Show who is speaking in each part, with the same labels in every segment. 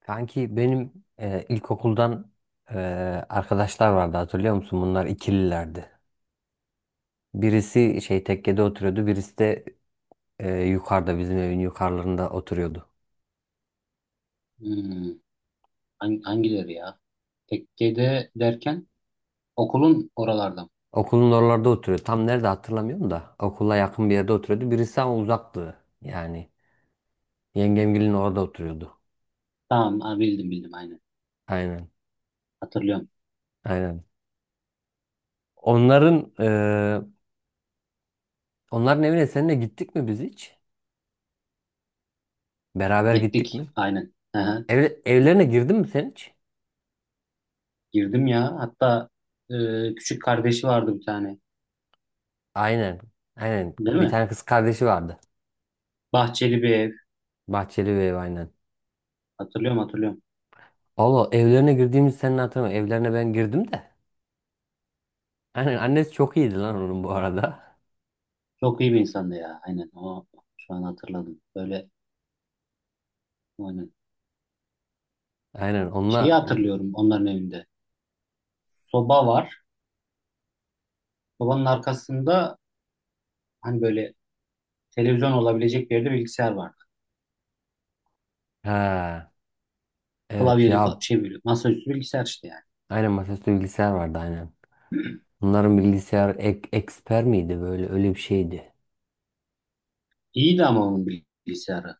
Speaker 1: Kanki benim ilkokuldan e, arkadaşlar vardı hatırlıyor musun? Bunlar ikililerdi. Birisi şey tekkede oturuyordu, birisi de yukarıda bizim evin yukarılarında oturuyordu.
Speaker 2: Hmm, hangileri ya? Tekke'de derken okulun oralarda.
Speaker 1: Okulun oralarda oturuyordu. Tam nerede hatırlamıyorum da okula yakın bir yerde oturuyordu. Birisi ama uzaktı yani. Yengemgilin orada oturuyordu.
Speaker 2: Tamam ha, bildim bildim aynen.
Speaker 1: Aynen.
Speaker 2: Hatırlıyorum.
Speaker 1: Aynen. Onların onların evine seninle gittik mi biz hiç? Beraber gittik
Speaker 2: Gittik
Speaker 1: mi?
Speaker 2: aynen. Aha,
Speaker 1: Evlerine girdin mi sen hiç?
Speaker 2: girdim ya. Hatta küçük kardeşi vardı bir tane.
Speaker 1: Aynen. Aynen.
Speaker 2: Değil
Speaker 1: Bir
Speaker 2: mi?
Speaker 1: tane kız kardeşi vardı.
Speaker 2: Bahçeli bir ev.
Speaker 1: Bahçeli ve ev aynen.
Speaker 2: Hatırlıyorum hatırlıyorum.
Speaker 1: Allah evlerine girdiğimiz senin hatırlamıyorum. Evlerine ben girdim de. Aynen annesi çok iyiydi lan onun bu arada.
Speaker 2: Çok iyi bir insandı ya. Aynen o şu an hatırladım. Böyle aynen.
Speaker 1: Aynen
Speaker 2: Şeyi
Speaker 1: onunla
Speaker 2: hatırlıyorum onların evinde. Soba var. Sobanın arkasında hani böyle televizyon olabilecek bir yerde bilgisayar var.
Speaker 1: ha evet ya
Speaker 2: Şey böyle masaüstü bilgisayar işte yani.
Speaker 1: aynen masaüstü bilgisayar vardı aynen. Bunların bilgisayar eksper miydi böyle öyle bir şeydi.
Speaker 2: İyiydi ama onun bilgisayarı.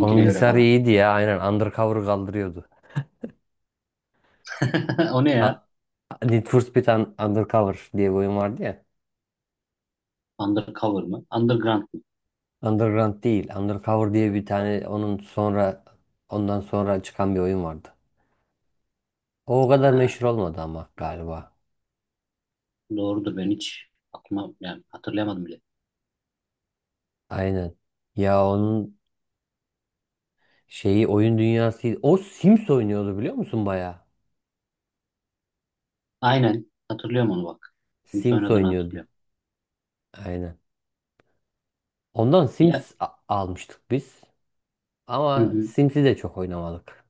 Speaker 1: Onun
Speaker 2: göre
Speaker 1: bilgisayarı
Speaker 2: falan.
Speaker 1: iyiydi ya aynen undercover kaldırıyordu.
Speaker 2: O ne ya?
Speaker 1: A- Need for Speed Undercover diye bir oyun vardı ya.
Speaker 2: Undercover mı? Underground mı?
Speaker 1: Underground değil. Undercover diye bir tane onun sonra ondan sonra çıkan bir oyun vardı. O kadar
Speaker 2: Ha,
Speaker 1: meşhur olmadı ama galiba.
Speaker 2: doğrudur ben hiç aklıma yani hatırlayamadım bile.
Speaker 1: Aynen. Ya onun şeyi oyun dünyası o Sims oynuyordu biliyor musun baya?
Speaker 2: Aynen hatırlıyorum onu bak. Sims
Speaker 1: Sims
Speaker 2: oynadığını
Speaker 1: oynuyordu.
Speaker 2: hatırlıyorum.
Speaker 1: Aynen. Ondan
Speaker 2: Ya,
Speaker 1: Sims almıştık biz.
Speaker 2: hı
Speaker 1: Ama
Speaker 2: hı.
Speaker 1: Sims'i de çok oynamadık.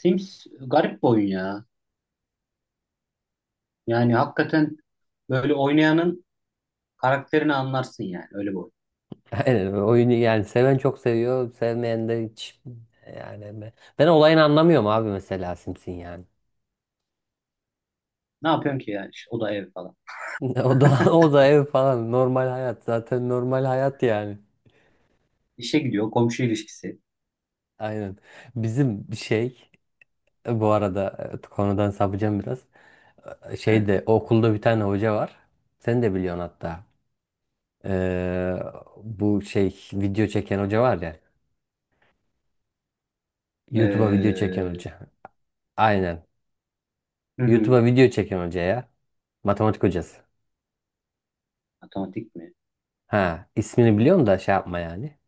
Speaker 2: Sims garip bir oyun ya. Yani hakikaten böyle oynayanın karakterini anlarsın yani öyle bir oyun.
Speaker 1: Aynen oyunu yani seven çok seviyor, sevmeyen de hiç yani ben olayını anlamıyorum abi mesela Sims'in yani.
Speaker 2: Ne yapıyorsun ki yani? İşte o da ev falan.
Speaker 1: O da ev falan normal hayat zaten normal hayat yani.
Speaker 2: İşe gidiyor komşu ilişkisi.
Speaker 1: Aynen. Bizim şey bu arada konudan sapacağım biraz.
Speaker 2: He.
Speaker 1: Şeyde okulda bir tane hoca var. Sen de biliyorsun hatta. Ee, bu şey video çeken hoca var ya. YouTube'a video
Speaker 2: Ee,
Speaker 1: çeken hoca. Aynen.
Speaker 2: hı hı.
Speaker 1: YouTube'a video çeken hoca ya. Matematik hocası.
Speaker 2: Matematik mi?
Speaker 1: Ha, ismini biliyorum da şey yapma yani.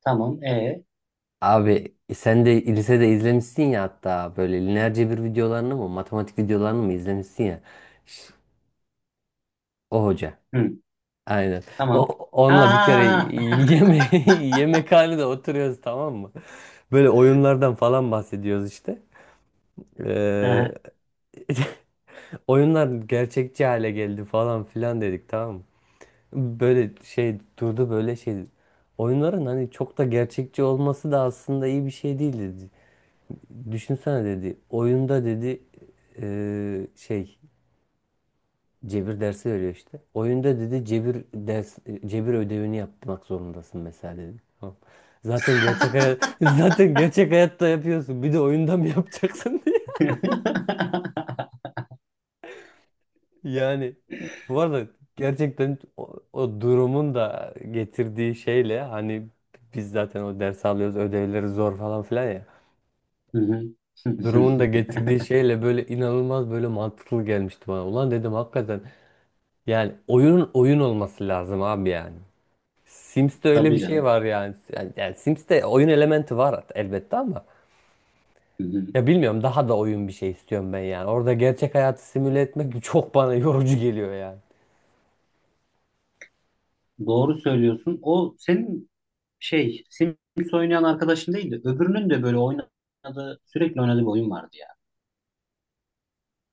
Speaker 2: Tamam. E.
Speaker 1: Abi sen de lisede izlemişsin ya hatta böyle lineer cebir videolarını mı matematik videolarını mı izlemişsin ya. Ş- O hoca.
Speaker 2: Hı.
Speaker 1: Aynen. O,
Speaker 2: Tamam. Ha,
Speaker 1: onunla bir kere
Speaker 2: ha, ha,
Speaker 1: yeme yemekhanede oturuyoruz tamam mı? Böyle oyunlardan falan bahsediyoruz işte. Ee,
Speaker 2: aha.
Speaker 1: oyunlar gerçekçi hale geldi falan filan dedik tamam mı? Böyle şey durdu böyle şey. Oyunların hani çok da gerçekçi olması da aslında iyi bir şey değil dedi. Düşünsene dedi. Oyunda dedi şey cebir dersi veriyor işte. Oyunda dedi cebir ödevini yapmak zorundasın mesela dedi. Tamam. Zaten gerçek hayat zaten gerçek hayatta yapıyorsun. Bir de oyunda mı yapacaksın diye. Yani bu arada gerçekten o durumun da getirdiği şeyle hani biz zaten o ders alıyoruz ödevleri zor falan filan ya.
Speaker 2: Hı hı.
Speaker 1: Durumun da getirdiği şeyle böyle inanılmaz böyle mantıklı gelmişti bana. Ulan dedim hakikaten yani oyunun oyun olması lazım abi yani. Sims'te öyle bir
Speaker 2: Tabii
Speaker 1: şey
Speaker 2: canım.
Speaker 1: var yani. Yani Sims'te oyun elementi var elbette ama
Speaker 2: Hı hı.
Speaker 1: ya bilmiyorum daha da oyun bir şey istiyorum ben yani. Orada gerçek hayatı simüle etmek çok bana yorucu geliyor yani.
Speaker 2: Doğru söylüyorsun. O senin şey Sims oynayan arkadaşın değildi. Öbürünün de böyle oynadığı sürekli oynadığı bir oyun vardı ya.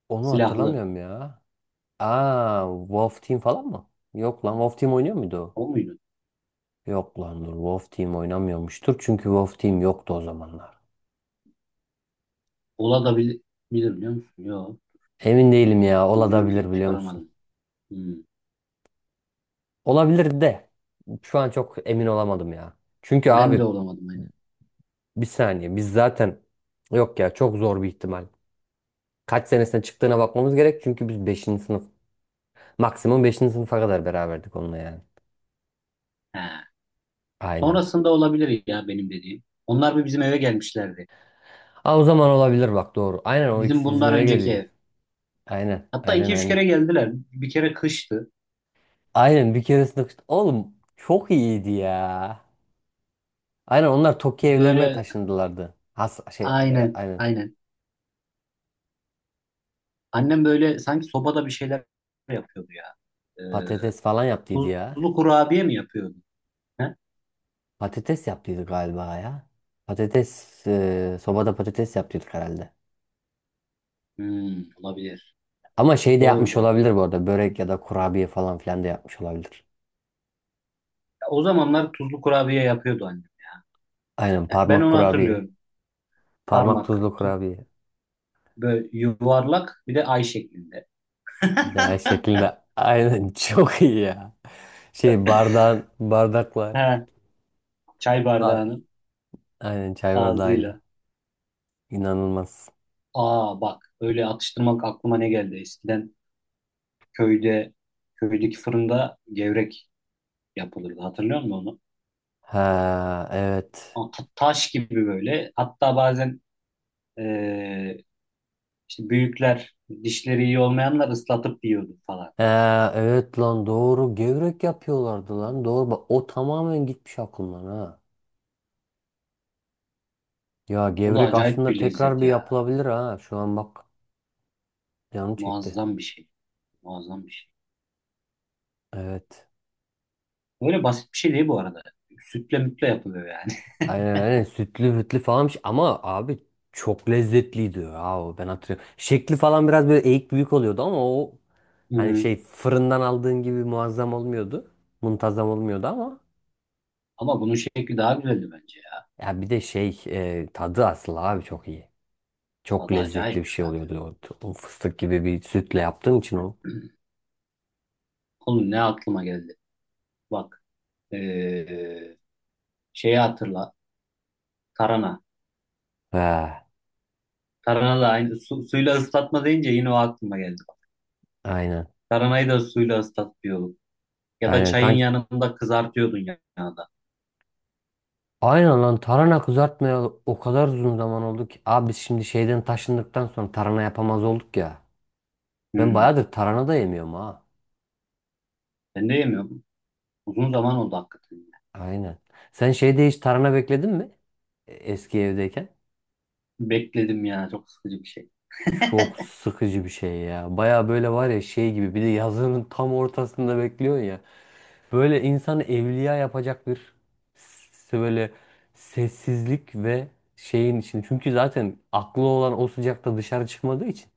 Speaker 1: Onu
Speaker 2: Silahlı.
Speaker 1: hatırlamıyorum ya. Aa, Wolf Team falan mı? Yok lan Wolf Team oynuyor muydu o?
Speaker 2: O muydu?
Speaker 1: Yok lan dur Wolf Team oynamıyormuştur çünkü Wolf Team yoktu o zamanlar.
Speaker 2: Ola da bil- Bilir biliyor musun? Yok.
Speaker 1: Emin değilim ya
Speaker 2: Bilmiyorum
Speaker 1: olabilir
Speaker 2: ki
Speaker 1: biliyor musun?
Speaker 2: çıkaramadım. Hmm.
Speaker 1: Olabilir de şu an çok emin olamadım ya. Çünkü
Speaker 2: Ben de
Speaker 1: abi
Speaker 2: olamadım aynı.
Speaker 1: bir saniye biz zaten yok ya çok zor bir ihtimal. Kaç senesine çıktığına bakmamız gerek çünkü biz beşinci sınıf maksimum beşinci sınıfa kadar beraberdik onunla yani.
Speaker 2: He.
Speaker 1: Aynen.
Speaker 2: Sonrasında olabilir ya benim dediğim. Onlar bir bizim eve gelmişlerdi.
Speaker 1: Aa, o zaman olabilir bak doğru. Aynen o
Speaker 2: Bizim
Speaker 1: ikisi bizim
Speaker 2: bundan
Speaker 1: eve
Speaker 2: önceki
Speaker 1: geldi.
Speaker 2: ev.
Speaker 1: Aynen
Speaker 2: Hatta
Speaker 1: aynen
Speaker 2: iki üç
Speaker 1: aynen.
Speaker 2: kere geldiler. Bir kere kıştı.
Speaker 1: Aynen bir keresinde oğlum çok iyiydi ya. Aynen onlar Tokyo evlerine
Speaker 2: Böyle
Speaker 1: taşındılardı. Has şey
Speaker 2: aynen
Speaker 1: aynen
Speaker 2: aynen. Annem böyle sanki sobada bir şeyler yapıyordu ya. Ee,
Speaker 1: patates falan yaptıydı ya.
Speaker 2: tuzlu kurabiye mi yapıyordu? He?
Speaker 1: Patates yaptıydı galiba ya. Patates sobada patates yaptıydık herhalde.
Speaker 2: Hmm, olabilir.
Speaker 1: Ama şey de
Speaker 2: Doğru
Speaker 1: yapmış
Speaker 2: doğru.
Speaker 1: olabilir bu arada. Börek ya da kurabiye falan filan da yapmış olabilir.
Speaker 2: Ya, o zamanlar tuzlu kurabiye yapıyordu annem.
Speaker 1: Aynen
Speaker 2: Ya, ben
Speaker 1: parmak
Speaker 2: onu
Speaker 1: kurabiye.
Speaker 2: hatırlıyorum.
Speaker 1: Parmak
Speaker 2: Parmak,
Speaker 1: tuzlu
Speaker 2: tut,
Speaker 1: kurabiye.
Speaker 2: böyle yuvarlak bir de ay şeklinde.
Speaker 1: Ya şeklinde. Aynen çok iyi ya. Şey bardağın bardakla.
Speaker 2: He, çay
Speaker 1: A-
Speaker 2: bardağının
Speaker 1: Aynen çay
Speaker 2: ağzıyla.
Speaker 1: bardağıyla. İnanılmaz.
Speaker 2: Aa bak öyle atıştırmak aklıma ne geldi? Eskiden köyde köydeki fırında gevrek yapılırdı. Hatırlıyor musun onu?
Speaker 1: Ha evet.
Speaker 2: Taş gibi böyle. Hatta bazen Ee, işte büyükler dişleri iyi olmayanlar ıslatıp yiyordu falan.
Speaker 1: Ha evet lan doğru. Gevrek yapıyorlardı lan. Doğru bak o tamamen gitmiş aklımdan ha. Ya
Speaker 2: O da
Speaker 1: gevrek
Speaker 2: acayip
Speaker 1: aslında
Speaker 2: bir
Speaker 1: tekrar
Speaker 2: lezzet
Speaker 1: bir
Speaker 2: ya.
Speaker 1: yapılabilir ha. Şu an bak canım çekti.
Speaker 2: Muazzam bir şey. Muazzam bir şey.
Speaker 1: Evet.
Speaker 2: Böyle basit bir şey değil bu arada. Sütle mütle yapılıyor yani.
Speaker 1: Aynen sütlü hütlü falanmış ama abi çok lezzetliydi ya o ben hatırlıyorum. Şekli falan biraz böyle eğik büyük oluyordu ama o hani
Speaker 2: Hı.
Speaker 1: şey fırından aldığın gibi muazzam olmuyordu. Muntazam olmuyordu ama
Speaker 2: Ama bunun şekli daha güzeldi bence ya.
Speaker 1: ya bir de şey tadı asıl abi çok iyi. Çok
Speaker 2: Tadı
Speaker 1: lezzetli bir
Speaker 2: acayip
Speaker 1: şey
Speaker 2: zaten.
Speaker 1: oluyordu o fıstık gibi bir sütle yaptığın için o.
Speaker 2: Oğlum ne aklıma geldi. Bak. ee, Şeyi hatırla. Tarhana.
Speaker 1: He,
Speaker 2: Tarhana da aynı. Su, suyla ıslatma deyince yine o aklıma geldi. Bak.
Speaker 1: aynen
Speaker 2: Tarhanayı da suyla ıslatıyorduk. Ya da
Speaker 1: aynen
Speaker 2: çayın
Speaker 1: kanka.
Speaker 2: yanında kızartıyordun yanında.
Speaker 1: Aynen lan tarhana kızartmayalı o kadar uzun zaman oldu ki. Abi biz şimdi şeyden taşındıktan sonra tarhana yapamaz olduk ya. Ben
Speaker 2: Hı.
Speaker 1: bayağıdır tarhana da yemiyorum ha.
Speaker 2: Ben de yemiyorum. Uzun zaman oldu hakikaten. Ya.
Speaker 1: Aynen. Sen şeyde hiç tarhana bekledin mi? Eski evdeyken.
Speaker 2: Bekledim ya çok sıkıcı bir şey.
Speaker 1: Çok sıkıcı bir şey ya. Baya böyle var ya şey gibi bir de yazının tam ortasında bekliyorsun ya. Böyle insanı evliya yapacak bir böyle sessizlik ve şeyin için. Çünkü zaten aklı olan o sıcakta dışarı çıkmadığı için.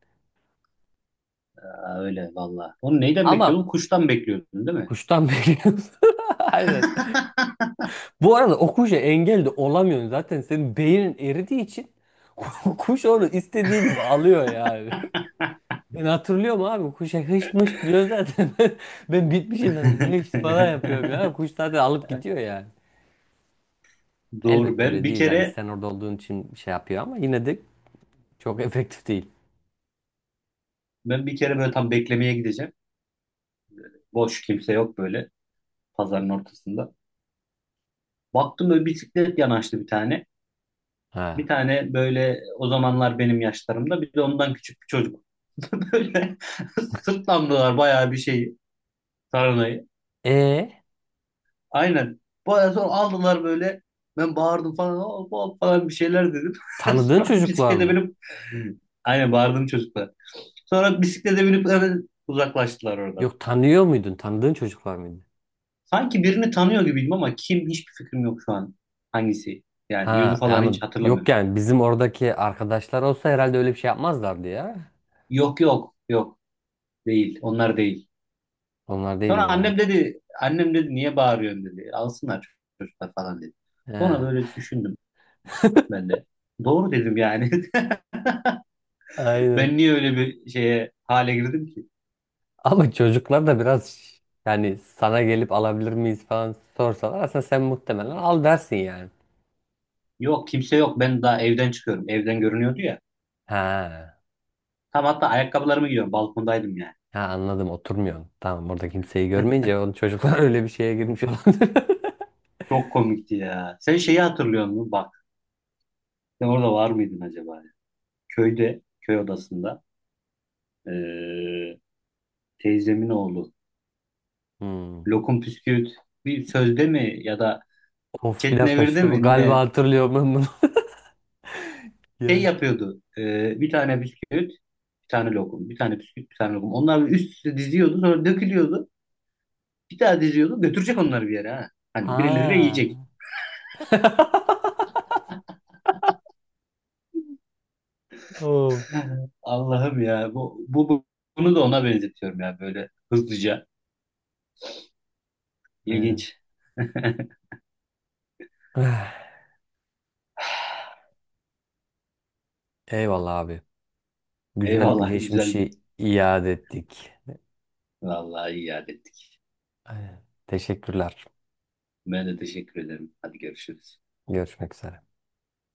Speaker 2: Aa, öyle valla. Onu neyden bekliyordun?
Speaker 1: Ama
Speaker 2: Kuştan bekliyordun değil mi?
Speaker 1: kuştan bekliyorsun. Aynen. Bu arada o kuşa engel de olamıyorsun. Zaten senin beynin eridiği için kuş onu istediği gibi alıyor yani. Ben hatırlıyorum abi kuşa hışt mışt diyor zaten. Ben bitmişim zaten hışt falan yapıyorum ya. Kuş zaten alıp gidiyor yani.
Speaker 2: Doğru.
Speaker 1: Elbette öyle değil. Yani sen orada olduğun için şey yapıyor ama yine de çok efektif değil.
Speaker 2: Ben bir kere böyle tam beklemeye gideceğim. Boş kimse yok böyle pazarın ortasında. Baktım böyle bisiklet yanaştı bir tane. Bir
Speaker 1: Ha.
Speaker 2: tane böyle o zamanlar benim yaşlarımda bir de ondan küçük bir çocuk. Böyle sırtlandılar bayağı bir şeyi. Tarhanayı.
Speaker 1: E
Speaker 2: Aynen. Bayağı sonra aldılar böyle. Ben bağırdım falan. "Hop, hop" falan bir şeyler dedim.
Speaker 1: tanıdığın
Speaker 2: Sonra
Speaker 1: çocuklar
Speaker 2: bisiklete
Speaker 1: mı?
Speaker 2: binip aynen bağırdım çocuklar. Sonra bisiklete binip hemen uzaklaştılar oradan.
Speaker 1: Yok tanıyor muydun? Tanıdığın çocuklar mıydı?
Speaker 2: Sanki birini tanıyor gibiydim ama kim hiçbir fikrim yok şu an. Hangisi? Yani yüzü
Speaker 1: Ha
Speaker 2: falan
Speaker 1: yani
Speaker 2: hiç
Speaker 1: yok
Speaker 2: hatırlamıyorum yani.
Speaker 1: yani bizim oradaki arkadaşlar olsa herhalde öyle bir şey yapmazlardı ya.
Speaker 2: Yok yok yok değil. Onlar değil.
Speaker 1: Onlar
Speaker 2: Sonra
Speaker 1: değiller ha.
Speaker 2: annem dedi annem dedi niye bağırıyorsun dedi. Alsınlar çocuklar falan dedi. Sonra
Speaker 1: Ha.
Speaker 2: böyle düşündüm ben de. Doğru dedim yani. Ben
Speaker 1: Aynen.
Speaker 2: niye öyle bir şeye hale girdim ki?
Speaker 1: Ama çocuklar da biraz yani sana gelip alabilir miyiz falan sorsalar aslında sen muhtemelen al dersin yani.
Speaker 2: Yok kimse yok. Ben daha evden çıkıyorum. Evden görünüyordu ya.
Speaker 1: Ha,
Speaker 2: Tam hatta ayakkabılarımı giyiyorum. Balkondaydım yani.
Speaker 1: ha, anladım oturmuyorsun. Tamam orada kimseyi görmeyince o çocuklar öyle bir şeye girmiş olabilir.
Speaker 2: Çok komikti ya. Sen şeyi hatırlıyor musun? Bak sen orada var mıydın acaba? Köyde, köy odasında eee, teyzemin oğlu
Speaker 1: Hmm.
Speaker 2: Lokum Püsküvit bir sözde mi ya da
Speaker 1: Of bir dakika
Speaker 2: Çetnevir'de
Speaker 1: şu
Speaker 2: mi
Speaker 1: galiba
Speaker 2: ne
Speaker 1: hatırlıyorum ben bunu.
Speaker 2: şey
Speaker 1: Gel.
Speaker 2: yapıyordu. Bir tane bisküvit, bir tane lokum, bir tane bisküvit, bir tane lokum. Onlar üst üste diziyordu sonra dökülüyordu. Bir daha diziyordu. Götürecek onları bir yere ha. Hani birileri
Speaker 1: Ha.
Speaker 2: yiyecek.
Speaker 1: Oh.
Speaker 2: Allah'ım ya. Bunu da ona benzetiyorum ya. Böyle hızlıca.
Speaker 1: Evet.
Speaker 2: İlginç.
Speaker 1: Eyvallah abi. Güzel
Speaker 2: Eyvallah güzeldi.
Speaker 1: geçmişi iade ettik.
Speaker 2: Vallahi iyi iade ettik.
Speaker 1: Aynen. Teşekkürler.
Speaker 2: Ben de teşekkür ederim. Hadi görüşürüz.
Speaker 1: Görüşmek üzere.